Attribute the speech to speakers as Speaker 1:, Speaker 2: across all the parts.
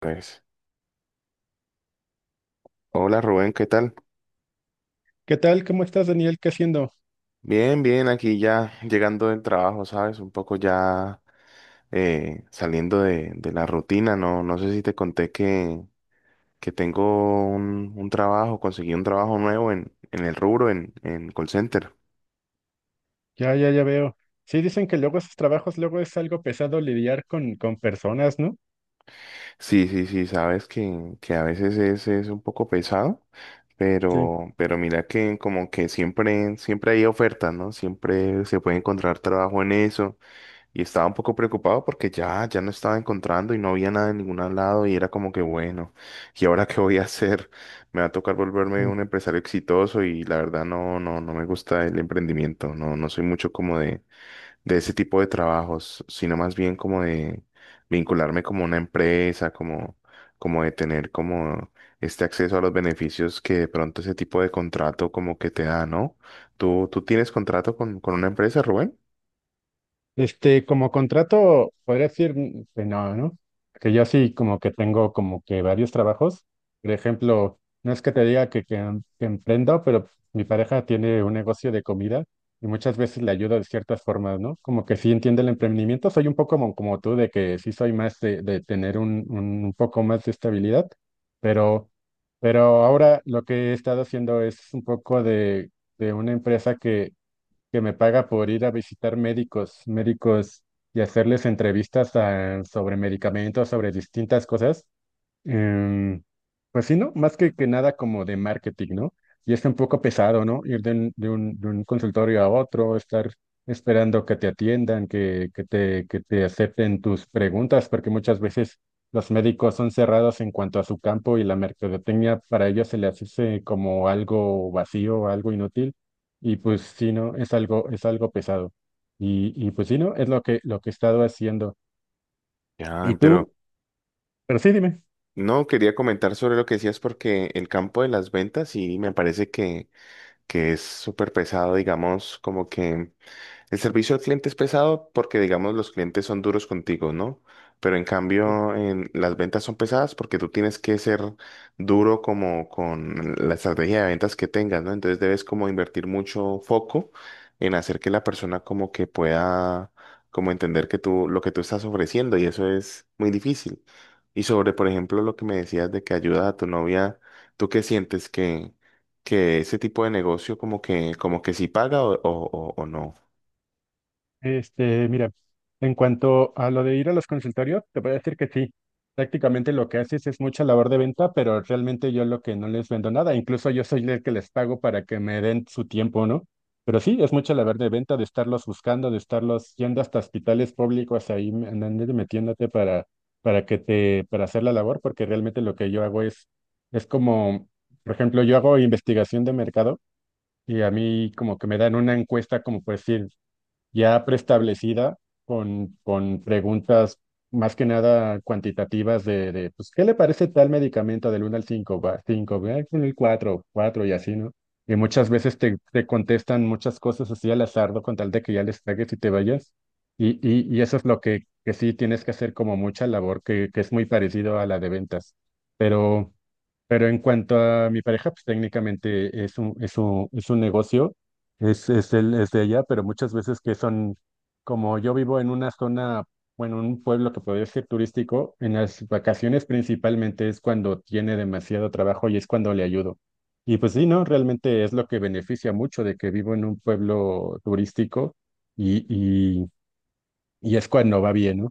Speaker 1: Pues, hola Rubén, ¿qué tal?
Speaker 2: ¿Qué tal? ¿Cómo estás, Daniel? ¿Qué haciendo?
Speaker 1: Bien, bien, aquí ya llegando del trabajo, ¿sabes? Un poco ya saliendo de la rutina, ¿no? No sé si te conté que tengo un trabajo, conseguí un trabajo nuevo en el rubro, en call center.
Speaker 2: Ya, ya, ya veo. Sí, dicen que luego esos trabajos, luego es algo pesado lidiar con personas, ¿no?
Speaker 1: Sí, sí, sí, sabes que a veces es un poco pesado,
Speaker 2: Sí.
Speaker 1: pero mira que como que siempre hay ofertas, ¿no? Siempre se puede encontrar trabajo en eso. Y estaba un poco preocupado porque ya no estaba encontrando y no había nada en ningún lado y era como que bueno, ¿y ahora qué voy a hacer? Me va a tocar volverme un empresario exitoso y la verdad no, no, no me gusta el emprendimiento, no, no soy mucho como de ese tipo de trabajos, sino más bien como de vincularme como una empresa, como, como de tener como este acceso a los beneficios que de pronto ese tipo de contrato como que te da, ¿no? ¿Tú, tú tienes contrato con una empresa, Rubén?
Speaker 2: Este, como contrato, podría decir que no, ¿no? Que yo sí como que tengo como que varios trabajos. Por ejemplo, no es que te diga que emprendo, pero mi pareja tiene un negocio de comida y muchas veces le ayudo de ciertas formas, ¿no? Como que sí entiende el emprendimiento. Soy un poco como, como tú, de que sí soy más de tener un poco más de estabilidad, pero, pero ahora lo que he estado haciendo es un poco de una empresa que me paga por ir a visitar médicos, médicos y hacerles entrevistas sobre medicamentos, sobre distintas cosas. Em, pues sí, ¿no? Más que nada como de marketing, ¿no? Y es un poco pesado, ¿no? Ir de un consultorio a otro, estar esperando que te atiendan, que te acepten tus preguntas, porque muchas veces los médicos son cerrados en cuanto a su campo y la mercadotecnia para ellos se les hace como algo vacío, algo inútil. Y pues sí, ¿no? Es algo pesado. Y pues sí, ¿no? Es lo lo que he estado haciendo. Y
Speaker 1: Ya, pero
Speaker 2: tú, pero sí, dime.
Speaker 1: no, quería comentar sobre lo que decías porque el campo de las ventas sí me parece que es súper pesado, digamos, como que el servicio al cliente es pesado porque, digamos, los clientes son duros contigo, ¿no? Pero en cambio, las ventas son pesadas porque tú tienes que ser duro como con la estrategia de ventas que tengas, ¿no? Entonces debes como invertir mucho foco en hacer que la persona como que pueda como entender que tú lo que tú estás ofreciendo y eso es muy difícil. Y sobre, por ejemplo, lo que me decías de que ayuda a tu novia, ¿tú qué sientes que ese tipo de negocio como que sí paga o o no?
Speaker 2: Este, mira, en cuanto a lo de ir a los consultorios, te voy a decir que sí. Prácticamente lo que haces es mucha labor de venta, pero realmente yo lo que no les vendo nada. Incluso yo soy el que les pago para que me den su tiempo, ¿no? Pero sí, es mucha labor de venta, de estarlos buscando, de estarlos yendo hasta hospitales públicos ahí, andando y metiéndote para hacer la labor, porque realmente lo que yo hago es como, por ejemplo, yo hago investigación de mercado y a mí como que me dan una encuesta como por decir ya preestablecida con preguntas más que nada cuantitativas pues, ¿qué le parece tal medicamento del uno al 5? 5, con el cuatro y así, ¿no? Y muchas veces te contestan muchas cosas así al azar, ¿no?, con tal de que ya les tragues y te vayas. Y eso es lo que sí tienes que hacer como mucha labor, que es muy parecido a la de ventas. Pero... Pero en cuanto a mi pareja, pues técnicamente es es un negocio, es de ella, pero muchas veces que son, como yo vivo en una zona, bueno, un pueblo que podría ser turístico, en las vacaciones principalmente es cuando tiene demasiado trabajo y es cuando le ayudo. Y pues sí, no, realmente es lo que beneficia mucho de que vivo en un pueblo turístico y es cuando va bien, ¿no?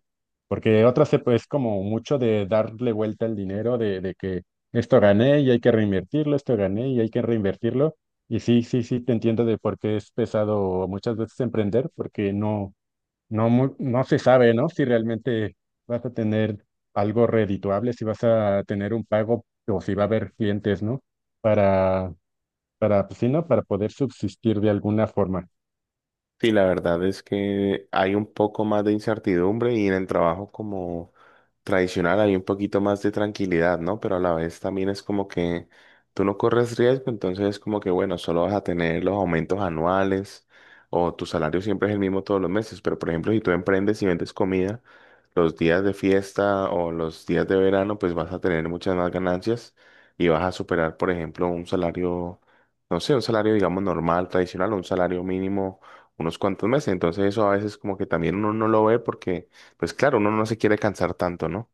Speaker 2: Porque otra se pues como mucho de darle vuelta al dinero, de que esto gané y hay que reinvertirlo, esto gané y hay que reinvertirlo. Y sí, sí, sí, te entiendo de por qué es pesado muchas veces emprender, porque no se sabe, ¿no? Si realmente vas a tener algo redituable, si vas a tener un pago o si va a haber clientes, ¿no? Para, para, pues, sí, ¿no? Para poder subsistir de alguna forma.
Speaker 1: Sí, la verdad es que hay un poco más de incertidumbre y en el trabajo como tradicional hay un poquito más de tranquilidad, ¿no? Pero a la vez también es como que tú no corres riesgo, entonces es como que, bueno, solo vas a tener los aumentos anuales o tu salario siempre es el mismo todos los meses, pero por ejemplo, si tú emprendes y vendes comida, los días de fiesta o los días de verano, pues vas a tener muchas más ganancias y vas a superar, por ejemplo, un salario, no sé, un salario, digamos, normal, tradicional, o un salario mínimo unos cuantos meses. Entonces eso a veces como que también uno no lo ve porque, pues claro, uno no se quiere cansar tanto, ¿no?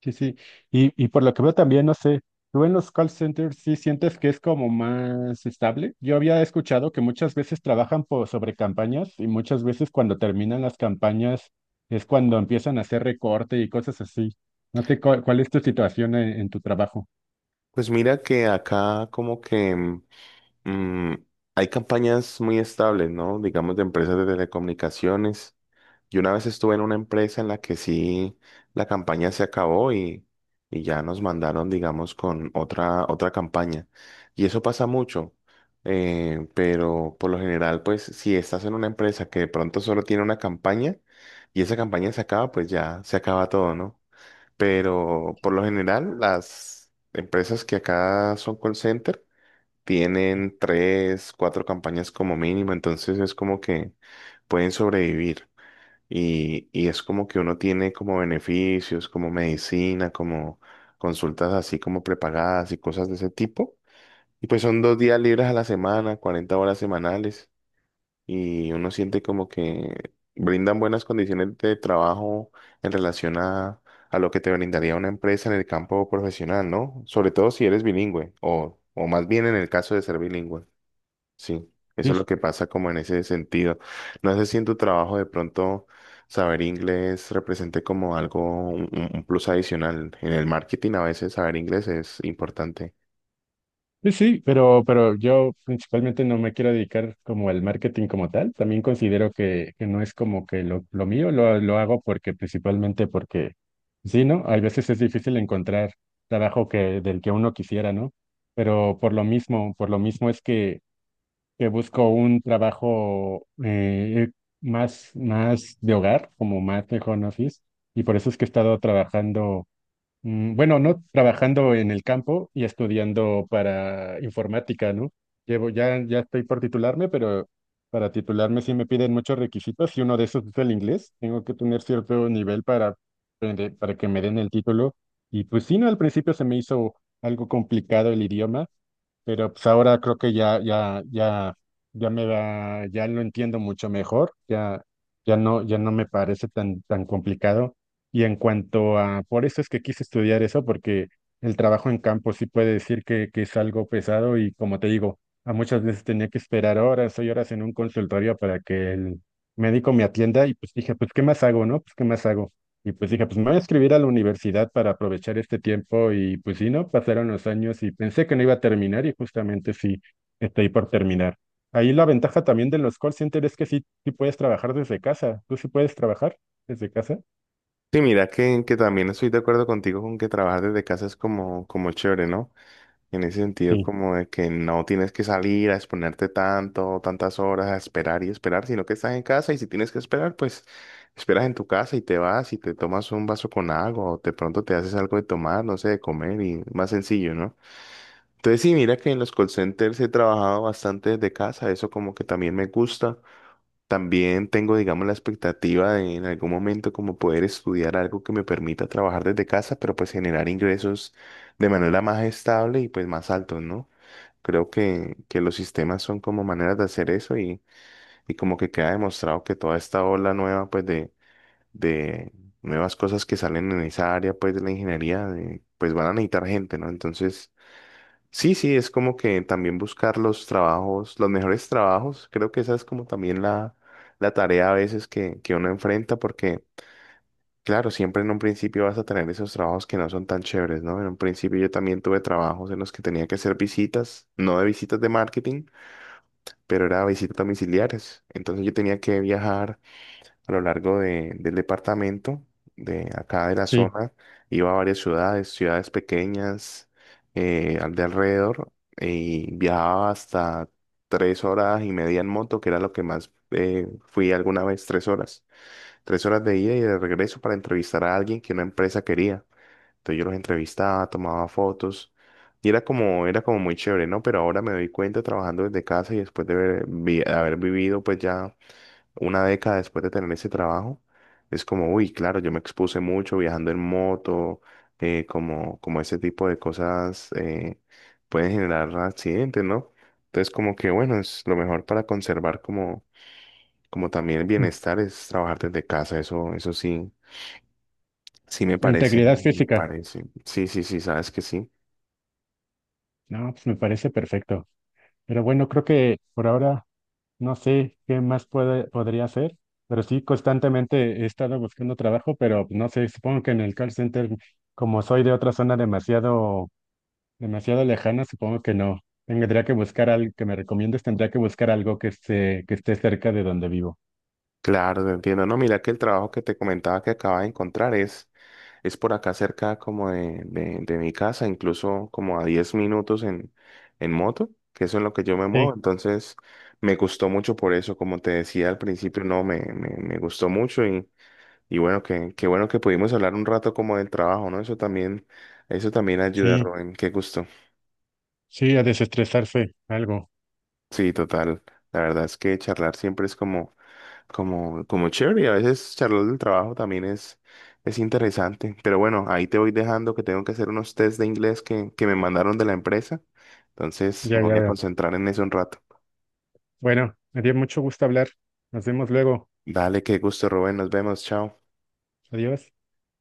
Speaker 2: Sí, sí. Y por lo que veo también, no sé, tú en los call centers sí sientes que es como más estable. Yo había escuchado que muchas veces trabajan por, sobre campañas y muchas veces cuando terminan las campañas es cuando empiezan a hacer recorte y cosas así. No sé cuál es tu situación en tu trabajo.
Speaker 1: Pues mira que acá como que mm, hay campañas muy estables, ¿no? Digamos de empresas de telecomunicaciones. Yo una vez estuve en una empresa en la que sí la campaña se acabó y ya nos mandaron, digamos, con otra, otra campaña. Y eso pasa mucho, pero por lo general, pues si estás en una empresa que de pronto solo tiene una campaña y esa campaña se acaba, pues ya se acaba todo, ¿no? Pero por lo general, las empresas que acá son call center tienen tres, cuatro campañas como mínimo, entonces es como que pueden sobrevivir. Y es como que uno tiene como beneficios, como medicina, como consultas así como prepagadas y cosas de ese tipo. Y pues son 2 días libres a la semana, 40 horas semanales. Y uno siente como que brindan buenas condiciones de trabajo en relación a lo que te brindaría una empresa en el campo profesional, ¿no? Sobre todo si eres bilingüe o más bien en el caso de ser bilingüe. Sí, eso es lo que pasa como en ese sentido. No sé si en tu trabajo de pronto saber inglés represente como algo, un, un plus adicional. En el marketing a veces saber inglés es importante.
Speaker 2: Sí, sí, pero yo principalmente no me quiero dedicar como al marketing como tal. También considero que no es como que lo mío, lo hago porque principalmente porque, sí, ¿no? Hay veces es difícil encontrar trabajo que, del que uno quisiera, ¿no? Pero por lo mismo es que busco un trabajo más, más de hogar, como más de home office, y por eso es que he estado trabajando. Bueno, no trabajando en el campo y estudiando para informática, ¿no? Llevo, ya, ya estoy por titularme, pero para titularme sí me piden muchos requisitos y uno de esos es el inglés. Tengo que tener cierto nivel para, para que me den el título. Y pues sí, no, al principio se me hizo algo complicado el idioma, pero pues ahora creo que ya, ya me da ya lo entiendo mucho mejor, ya no, ya no me parece tan complicado. Y en cuanto a, por eso es que quise estudiar eso, porque el trabajo en campo sí puede decir que es algo pesado y como te digo, a muchas veces tenía que esperar horas y horas en un consultorio para que el médico me atienda y pues dije, pues, ¿qué más hago, no? Pues, ¿qué más hago? Y pues dije, pues me voy a escribir a la universidad para aprovechar este tiempo y pues sí, ¿no? Pasaron los años y pensé que no iba a terminar y justamente sí, estoy por terminar. Ahí la ventaja también de los call centers es que sí, sí puedes trabajar desde casa. ¿Tú sí puedes trabajar desde casa?
Speaker 1: Sí, mira que también estoy de acuerdo contigo con que trabajar desde casa es como, como chévere, ¿no? En ese sentido,
Speaker 2: Sí,
Speaker 1: como de que no tienes que salir a exponerte tanto, tantas horas a esperar y esperar, sino que estás en casa y si tienes que esperar, pues esperas en tu casa y te vas y te tomas un vaso con agua o de pronto te haces algo de tomar, no sé, de comer y más sencillo, ¿no? Entonces sí, mira que en los call centers he trabajado bastante desde casa, eso como que también me gusta. También tengo, digamos, la expectativa de en algún momento como poder estudiar algo que me permita trabajar desde casa, pero pues generar ingresos de manera más estable y pues más altos, ¿no? Creo que los sistemas son como maneras de hacer eso y como que queda demostrado que toda esta ola nueva, pues de nuevas cosas que salen en esa área, pues de la ingeniería, de- pues van a necesitar gente, ¿no? Entonces, sí, sí, es como que también buscar los trabajos, los mejores trabajos. Creo que esa es como también la tarea a veces que uno enfrenta porque, claro, siempre en un principio vas a tener esos trabajos que no son tan chéveres, ¿no? En un principio yo también tuve trabajos en los que tenía que hacer visitas, no de visitas de marketing pero era visitas domiciliarias. Entonces yo tenía que viajar a lo largo del departamento, de acá de la
Speaker 2: sí.
Speaker 1: zona, iba a varias ciudades, ciudades pequeñas, al de alrededor, y viajaba hasta 3 horas y media en moto, que era lo que más fui alguna vez, 3 horas. 3 horas de ida y de regreso para entrevistar a alguien que una empresa quería. Entonces yo los entrevistaba, tomaba fotos y era como muy chévere, ¿no? Pero ahora me doy cuenta trabajando desde casa y después de haber, haber vivido pues ya una década después de tener ese trabajo, es como, uy, claro, yo me expuse mucho viajando en moto, como, como ese tipo de cosas pueden generar accidentes, ¿no? Entonces como que bueno, es lo mejor para conservar como, como también el
Speaker 2: Mm.
Speaker 1: bienestar es trabajar desde casa, eso sí, sí me
Speaker 2: La
Speaker 1: parece,
Speaker 2: integridad
Speaker 1: me
Speaker 2: física.
Speaker 1: parece. Sí, sí, sí, sabes que sí.
Speaker 2: No, pues me parece perfecto. Pero bueno, creo que por ahora no sé qué más podría hacer, pero sí, constantemente he estado buscando trabajo, pero no sé, supongo que en el call center, como soy de otra zona demasiado, demasiado lejana, supongo que no. Tendría que buscar algo que me recomiendes, tendría que buscar algo que esté cerca de donde vivo.
Speaker 1: Claro, te entiendo. No, mira que el trabajo que te comentaba que acaba de encontrar es por acá cerca como de mi casa, incluso como a 10 minutos en moto, que eso es lo que yo me muevo.
Speaker 2: Sí,
Speaker 1: Entonces, me gustó mucho por eso, como te decía al principio, no, me gustó mucho y bueno, que, qué bueno que pudimos hablar un rato como del trabajo, ¿no? Eso también ayuda,
Speaker 2: sí,
Speaker 1: Rubén. Qué gusto.
Speaker 2: sí, a desestresarse, algo.
Speaker 1: Sí, total. La verdad es que charlar siempre es como, como, como chévere y a veces charlar del trabajo también es interesante. Pero bueno, ahí te voy dejando que tengo que hacer unos test de inglés que me mandaron de la empresa. Entonces me
Speaker 2: Ya,
Speaker 1: voy
Speaker 2: ya
Speaker 1: a
Speaker 2: veo.
Speaker 1: concentrar en eso un rato.
Speaker 2: Bueno, me dio mucho gusto hablar. Nos vemos luego.
Speaker 1: Dale, qué gusto, Rubén. Nos vemos. Chao.
Speaker 2: Adiós.